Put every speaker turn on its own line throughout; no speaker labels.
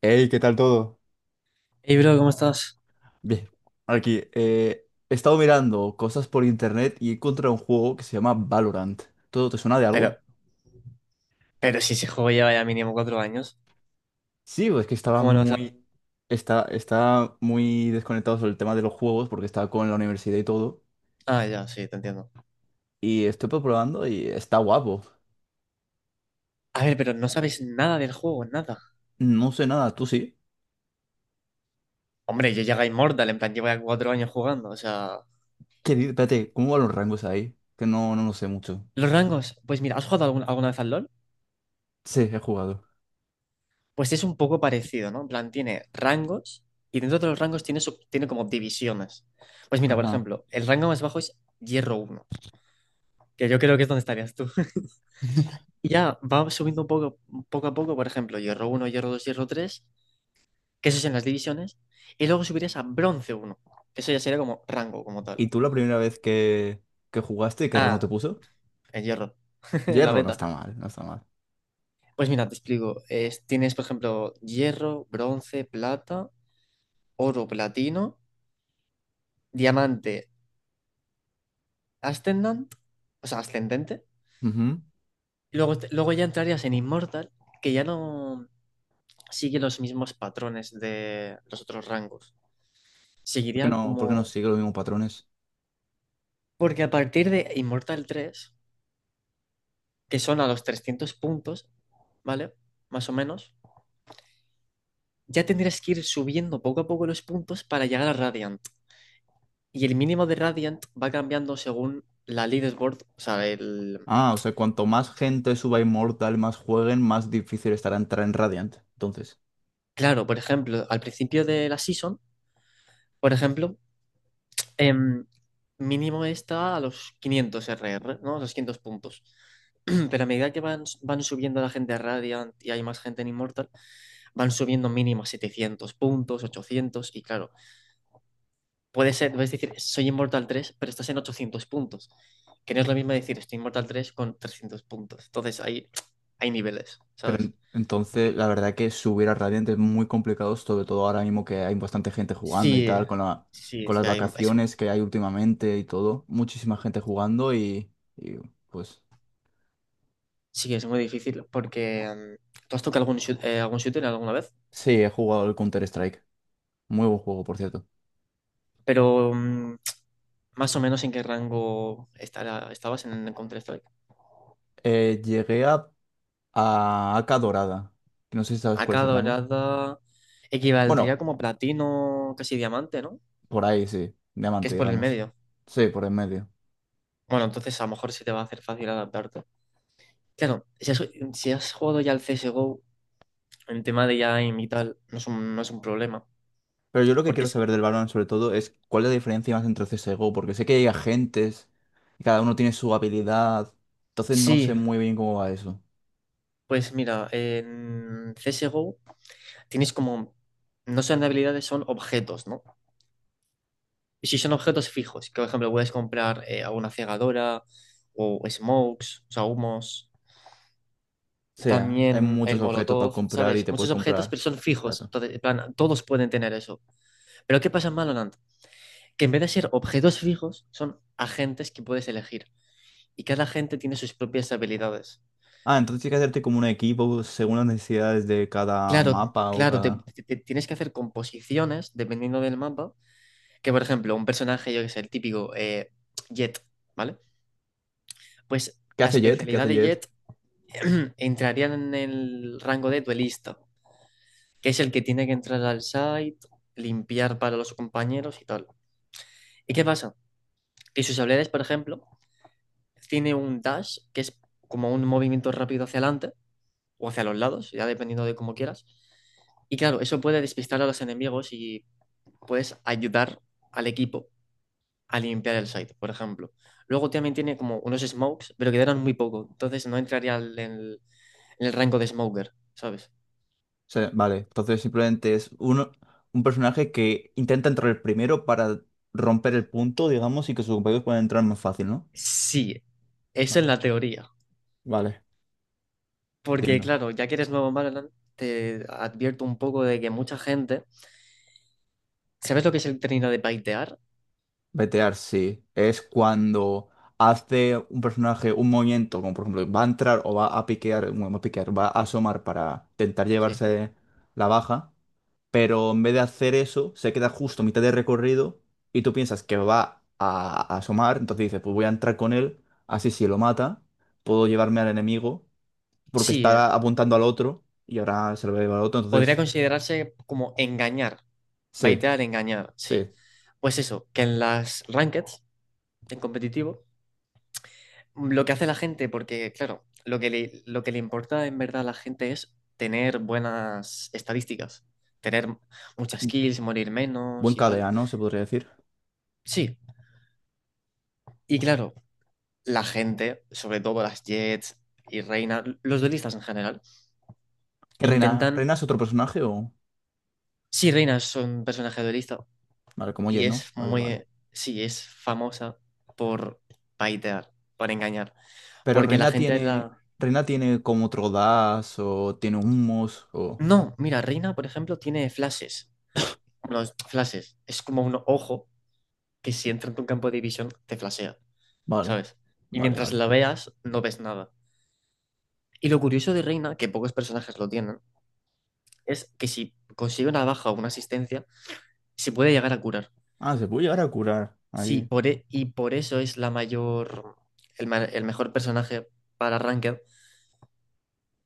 Hey, ¿qué tal todo?
Hey, bro, ¿cómo estás?
Bien, aquí he estado mirando cosas por internet y he encontrado un juego que se llama Valorant. ¿Todo te suena de algo?
Pero, pero si ese juego lleva ya mínimo 4 años.
Sí, pues
¿Cómo no sabes?
está, está muy desconectado sobre el tema de los juegos porque estaba con la universidad y todo.
Ah, ya, sí, te entiendo.
Y estoy probando y está guapo.
A ver, pero no sabes nada del juego, nada.
No sé nada, tú sí.
Hombre, yo llegué a Immortal, en plan, llevo ya 4 años jugando, o sea...
Espérate, ¿cómo van los rangos ahí? Que no, no lo sé mucho.
Los rangos, pues mira, ¿has jugado alguna vez al LoL?
Sí, he jugado.
Pues es un poco parecido, ¿no? En plan, tiene rangos, y dentro de los rangos tiene, tiene como divisiones. Pues mira, por
Ajá.
ejemplo, el rango más bajo es Hierro uno, que yo creo que es donde estarías tú. Y ya va subiendo un poco, poco a poco, por ejemplo, Hierro uno, Hierro 2, Hierro tres, que eso es en las divisiones, y luego subirías a bronce uno, que eso ya sería como rango como tal.
¿Y tú la primera vez que jugaste, qué rango te
Ah,
puso?
el hierro, en la
Hierro, no
beta.
está mal, no está mal.
Pues mira, te explico. Tienes, por ejemplo, hierro, bronce, plata, oro, platino, diamante, ascendant, o sea, ascendente. Y luego, luego ya entrarías en Immortal, que ya no sigue los mismos patrones de los otros rangos. Seguiría
¿Por qué no
como...
sigue los mismos patrones?
Porque a partir de Immortal tres, que son a los 300 puntos, ¿vale? Más o menos. Ya tendrías que ir subiendo poco a poco los puntos para llegar a Radiant. Y el mínimo de Radiant va cambiando según la leaderboard, o sea, el...
Ah, o sea, cuanto más gente suba a Immortal, más jueguen, más difícil estará entrar en Radiant. Entonces,
Claro, por ejemplo, al principio de la season, por ejemplo, em, mínimo está a los 500 RR, ¿no? A los 500 puntos. Pero a medida que van subiendo la gente a Radiant y hay más gente en Immortal, van subiendo mínimo a 700 puntos, 800, y claro, puede ser, puedes decir, soy Inmortal 3, pero estás en 800 puntos. Que no es lo mismo decir, estoy Inmortal 3 con 300 puntos. Entonces, hay niveles, ¿sabes?
entonces la verdad que subir a Radiant es muy complicado, sobre todo ahora mismo que hay bastante gente jugando y
Sí,
tal,
sí,
con las
sí,
vacaciones que hay últimamente y todo. Muchísima gente jugando y pues
sí, es muy difícil, porque tú has tocado algún, algún shooter alguna vez.
sí, he jugado el Counter-Strike. Muy buen juego, por cierto.
Pero más o menos en qué rango estabas en Counter-Strike.
Llegué a AK Dorada. No sé si sabes cuál
Acá
es el rango.
dorada equivaldría
Bueno,
como platino, casi diamante, ¿no?
por ahí, sí.
Que
Diamante,
es por el
digamos.
medio.
Sí, por en medio.
Bueno, entonces a lo mejor sí te va a hacer fácil adaptarte. Claro, si has jugado ya al CSGO, en tema de ya aim y tal, no es un, no es un problema.
Pero yo lo que
Porque
quiero
es-
saber del Valorant sobre todo es cuál es la diferencia más entre CSGO, porque sé que hay agentes y cada uno tiene su habilidad. Entonces no sé
sí,
muy bien cómo va eso. O
pues mira, en CSGO tienes como, no son habilidades, son objetos, ¿no? Y si son objetos fijos, que por ejemplo puedes comprar alguna cegadora o smokes, o sea, humos,
sea, hay
también
muchos
el
objetos para
molotov,
comprar y
¿sabes?
te puedes
Muchos objetos,
comprar.
pero son fijos.
Exacto.
Entonces, en plan, todos pueden tener eso. Pero ¿qué pasa en Valorant? Que en vez de ser objetos fijos, son agentes que puedes elegir, y cada gente tiene sus propias habilidades.
Ah, entonces tienes que hacerte como un equipo según las necesidades de cada
Claro,
mapa o
claro, te,
cada...
te- te tienes que hacer composiciones dependiendo del mapa, que por ejemplo, un personaje, yo que sé, el típico Jet, ¿vale? Pues
¿Qué
la
hace Jet? ¿Qué
especialidad
hace
de
Jet?
Jet entraría en el rango de duelista, que es el que tiene que entrar al site, limpiar para los compañeros y tal. ¿Y qué pasa? Que sus habilidades, por ejemplo, tiene un dash, que es como un movimiento rápido hacia adelante, o hacia los lados, ya dependiendo de cómo quieras. Y claro, eso puede despistar a los enemigos, y puedes ayudar al equipo a limpiar el site, por ejemplo. Luego también tiene como unos smokes, pero quedaron muy poco, entonces no entraría en el, en el rango de smoker, ¿sabes?
Sea, vale, entonces simplemente es un personaje que intenta entrar el primero para romper el punto, digamos, y que sus compañeros puedan entrar más fácil, ¿no?
Sí, eso
Vale,
en la teoría.
vale.
Porque
Entiendo.
claro, ya que eres nuevo en Valorant, te advierto un poco de que mucha gente... ¿Sabes lo que es el término de baitear?
Betear, sí. Es cuando hace un personaje un movimiento, como por ejemplo, va a entrar o va a piquear, bueno, va a piquear, va a asomar para intentar
Sí.
llevarse la baja. Pero en vez de hacer eso, se queda justo a mitad de recorrido y tú piensas que a asomar, entonces dices, pues voy a entrar con él, así si lo mata, puedo llevarme al enemigo, porque
Sí,
está apuntando al otro y ahora se lo va a llevar al otro,
podría
entonces
considerarse como engañar.
sí,
Baitear, engañar,
sí,
sí.
es
Pues eso, que en las rankeds, en competitivo, lo que hace la gente, porque claro, lo que le importa en verdad a la gente es tener buenas estadísticas, tener muchas
un
kills, morir
buen
menos y tal.
KDA, ¿no? Se podría decir.
Sí, y claro, la gente, sobre todo las Jets y Reina, los duelistas en general,
¿Que Reina,
intentan...
Reina es otro personaje o...?
Sí, Reina son un personaje duelista,
Vale, como
y
Jett, ¿no?
es
Vale, vale.
muy, sí, es famosa por paitear, por engañar,
Pero
porque la
Reina
gente
tiene...
la...
¿Reina tiene como otro dash o tiene humos o...?
No, mira, Reina, por ejemplo, tiene flashes, unos flashes, es como un ojo que si entra en tu campo de visión te flashea,
Vale,
¿sabes? Y
vale,
mientras
vale.
la veas, no ves nada. Y lo curioso de Reina, que pocos personajes lo tienen, es que si consigue una baja o una asistencia, se puede llegar a curar.
Ah, se puede llegar a curar
Sí,
ahí.
y por eso es la mayor, el mejor personaje para Ranked.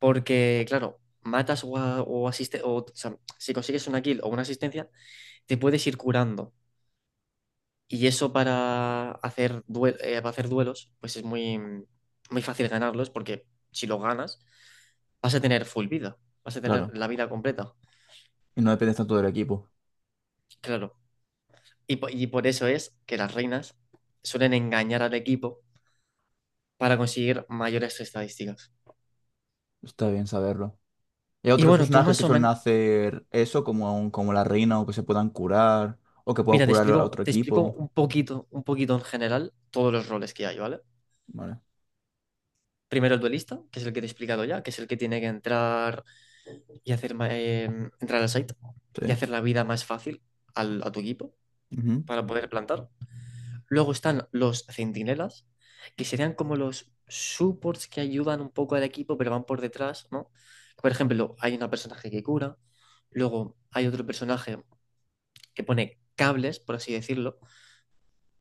Porque, claro, matas o, a- o asiste- o sea, si consigues una kill o una asistencia, te puedes ir curando. Y eso para hacer, para hacer duelos, pues es muy, muy fácil ganarlos, porque si lo ganas, vas a tener full vida, vas a tener
Claro.
la vida completa.
Y no dependes tanto del equipo.
Claro. Y, y por eso es que las reinas suelen engañar al equipo para conseguir mayores estadísticas.
Está bien saberlo. Y hay
Y
otros
bueno, tú
personajes
más
que
o
suelen
menos,
hacer eso, como, como la reina, o que se puedan curar, o que pueda
mira,
curar a otro
te explico
equipo.
un poquito en general todos los roles que hay, ¿vale?
Vale.
Primero el duelista, que es el que te he explicado ya, que es el que tiene que entrar y hacer entrar al site y
Sí.
hacer la vida más fácil a tu equipo
Ujú.
para poder plantar. Luego están los centinelas, que serían como los supports que ayudan un poco al equipo, pero van por detrás, ¿no? Por ejemplo, hay un personaje que cura, luego hay otro personaje que pone cables, por así decirlo,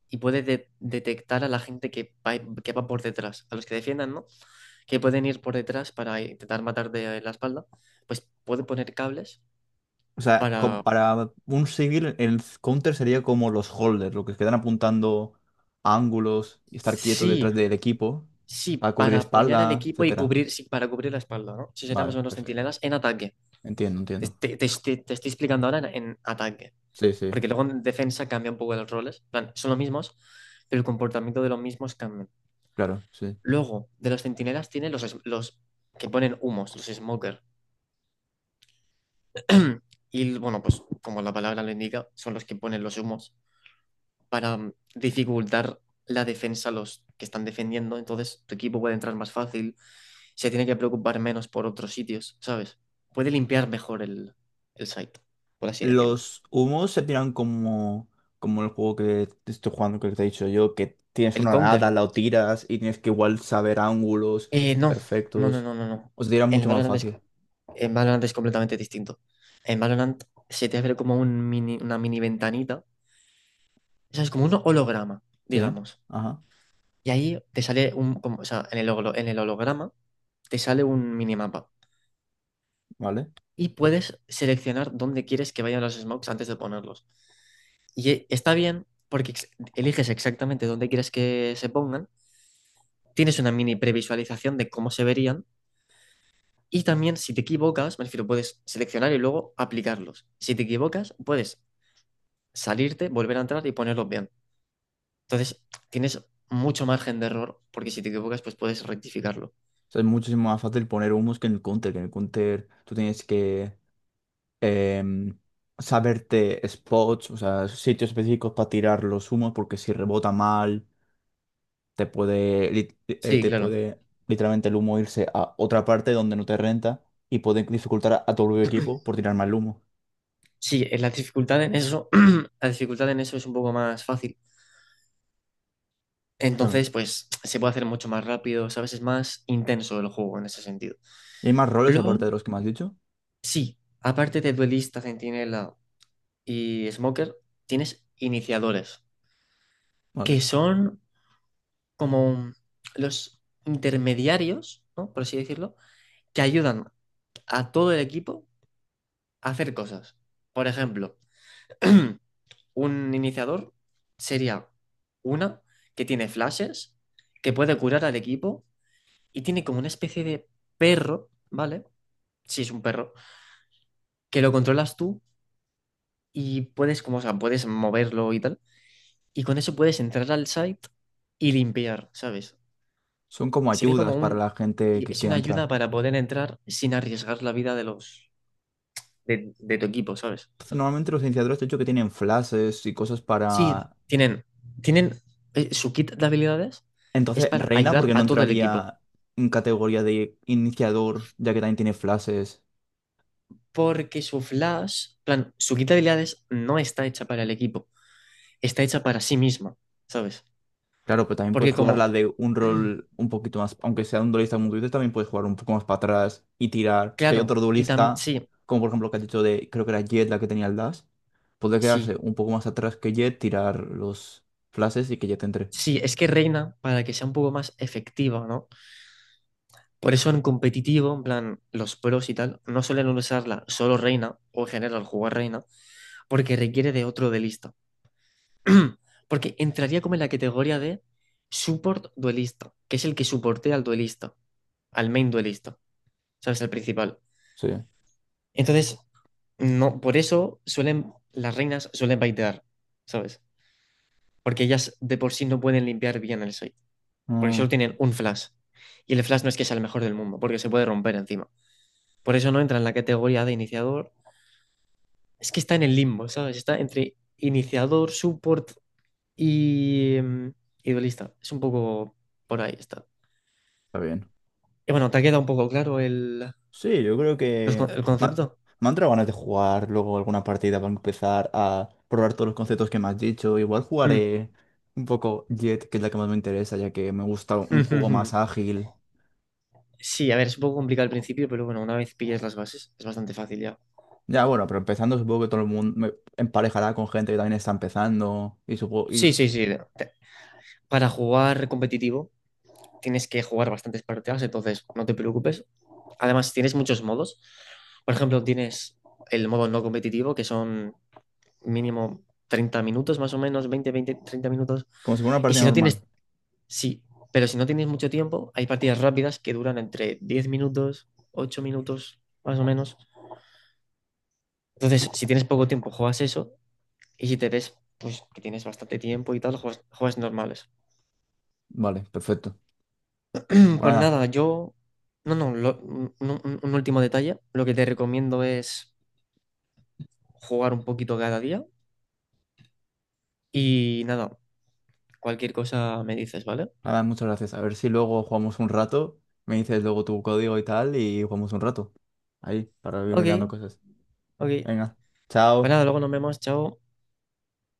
y puede detectar a la gente que va por detrás, a los que defiendan, ¿no? Que pueden ir por detrás para intentar matar de la espalda, pues puede poner cables
O sea,
para,
para un civil, el counter sería como los holders, los que quedan apuntando a ángulos y estar quietos
sí,
detrás del equipo
sí,
para cubrir
para apoyar al
espalda,
equipo y
etcétera.
cubrir, sí, para cubrir la espalda, ¿no? Eso serían más
Vale,
o menos
perfecto.
centinelas en ataque.
Entiendo,
Te,
entiendo.
te- te- te- te estoy explicando ahora en ataque,
Sí, sí,
porque luego en defensa cambia un poco los roles, en plan, son los mismos, pero el comportamiento de los mismos cambia.
claro, sí.
Luego, de los centinelas tienen los, los que ponen humos, los smokers. Y bueno, pues como la palabra lo indica, son los que ponen los humos para dificultar la defensa a los que están defendiendo, entonces tu equipo puede entrar más fácil, se tiene que preocupar menos por otros sitios, ¿sabes? Puede limpiar mejor el site, por así decirlo.
Los humos se tiran como, como el juego que te estoy jugando, que te he dicho yo, que tienes
¿El
una nada,
counter?
la tiras y tienes que igual saber ángulos
No, no, no,
perfectos.
no, no, no.
O se tira
En el
mucho más
Valorant es,
fácil.
en Valorant es completamente distinto. En Valorant se te abre como un mini, una mini ventanita, o sea, es como un holograma,
Sí,
digamos.
ajá,
Y ahí te sale un, o sea, en el, en el holograma te sale un minimapa,
vale.
y puedes seleccionar dónde quieres que vayan los smokes antes de ponerlos. Y está bien porque eliges exactamente dónde quieres que se pongan, tienes una mini previsualización de cómo se verían, y también si te equivocas, me refiero, puedes seleccionar y luego aplicarlos. Si te equivocas, puedes salirte, volver a entrar y ponerlos bien. Entonces, tienes mucho margen de error, porque si te equivocas, pues puedes rectificarlo.
O sea, es muchísimo más fácil poner humos que en el counter, que en el counter tú tienes que em, saberte spots, o sea, sitios específicos para tirar los humos, porque si rebota mal, te puede,
Sí,
te
claro.
puede literalmente el humo irse a otra parte donde no te renta y puede dificultar a tu propio equipo por tirar más humo.
Sí, la dificultad en eso, la dificultad en eso es un poco más fácil.
También.
Entonces, pues se puede hacer mucho más rápido, ¿sabes? Es más intenso el juego en ese sentido.
¿Y hay más roles
Luego,
aparte de los que me has dicho?
sí, aparte de duelista, centinela y smoker, tienes iniciadores, que
Vale.
son como los intermediarios, ¿no? Por así decirlo, que ayudan a todo el equipo a hacer cosas. Por ejemplo, un iniciador sería una que tiene flashes, que puede curar al equipo y tiene como una especie de perro, ¿vale? si es un perro, que lo controlas tú y puedes, como, o sea, puedes moverlo y tal. Y con eso puedes entrar al site y limpiar, ¿sabes?
Son como
Sería como
ayudas para
un...
la gente que
Es
quiera
una ayuda
entrar.
para poder entrar sin arriesgar la vida de los... de tu equipo, ¿sabes?
Entonces, normalmente los iniciadores te he dicho que tienen flashes y cosas
Sí,
para...
tienen... tienen su kit de habilidades es
Entonces,
para
Reina,
ayudar
porque no
a todo el equipo.
entraría en categoría de iniciador, ya que también tiene flashes.
Porque su flash, plan, su kit de habilidades no está hecha para el equipo, está hecha para sí misma, ¿sabes?
Claro, pero también puedes
Porque como...
jugar la de un rol un poquito más, aunque sea un duelista como tú dices, también puedes jugar un poco más para atrás y tirar. Si hay otro
Claro, y también...
duelista, como por ejemplo lo que has dicho de, creo que era Jett la que tenía el dash, puede
Sí,
quedarse un poco más atrás que Jett, tirar los flashes y que Jett entre.
sí, es que Reina, para que sea un poco más efectiva, ¿no? Por eso en competitivo, en plan, los pros y tal, no suelen usarla solo Reina, o en general jugar Reina, porque requiere de otro duelista. Porque entraría como en la categoría de support duelista, que es el que soportea al duelista, al main duelista, ¿sabes? Al principal.
Sí.
Entonces, no, por eso suelen, las reinas suelen baitear, ¿sabes? Porque ellas de por sí no pueden limpiar bien el site, porque
Mm,
solo tienen un flash. Y el flash no es que sea el mejor del mundo, porque se puede romper encima. Por eso no entra en la categoría de iniciador. Es que está en el limbo, ¿sabes? Está entre iniciador, support y, y duelista. Es un poco por ahí está.
está bien.
Y bueno, ¿te ha quedado un poco claro el,
Sí, yo creo
los
que
el
me ha-
concepto?
me han entrado ganas de jugar luego alguna partida para empezar a probar todos los conceptos que me has dicho. Igual
Mm.
jugaré un poco Jett, que es la que más me interesa, ya que me gusta un juego más ágil.
Sí, a ver, es un poco complicado al principio, pero bueno, una vez pillas las bases, es bastante fácil ya.
Ya, bueno, pero empezando supongo que todo el mundo me emparejará con gente que también está empezando y supongo,
Sí,
y
sí, sí. Para jugar competitivo tienes que jugar bastantes partidas, entonces no te preocupes. Además, tienes muchos modos. Por ejemplo, tienes el modo no competitivo, que son mínimo 30 minutos más o menos, 20, 20, 30 minutos.
como si fuera una
Y
partida
si no
normal.
tienes, sí, pero si no tienes mucho tiempo, hay partidas rápidas que duran entre 10 minutos, 8 minutos más o menos. Entonces, si tienes poco tiempo, juegas eso. Y si te ves, pues que tienes bastante tiempo y tal, juegas, juegas normales.
Vale, perfecto. Pues
Pues
nada,
nada, yo... No, no, un último detalle. Lo que te recomiendo es jugar un poquito cada día y nada, cualquier cosa me dices, ¿vale?
nada, muchas gracias. A ver si luego jugamos un rato, me dices luego tu código y tal y jugamos un rato. Ahí, para ir
Ok,
mirando cosas.
ok.
Venga,
Pues
chao.
nada, luego nos vemos, chao.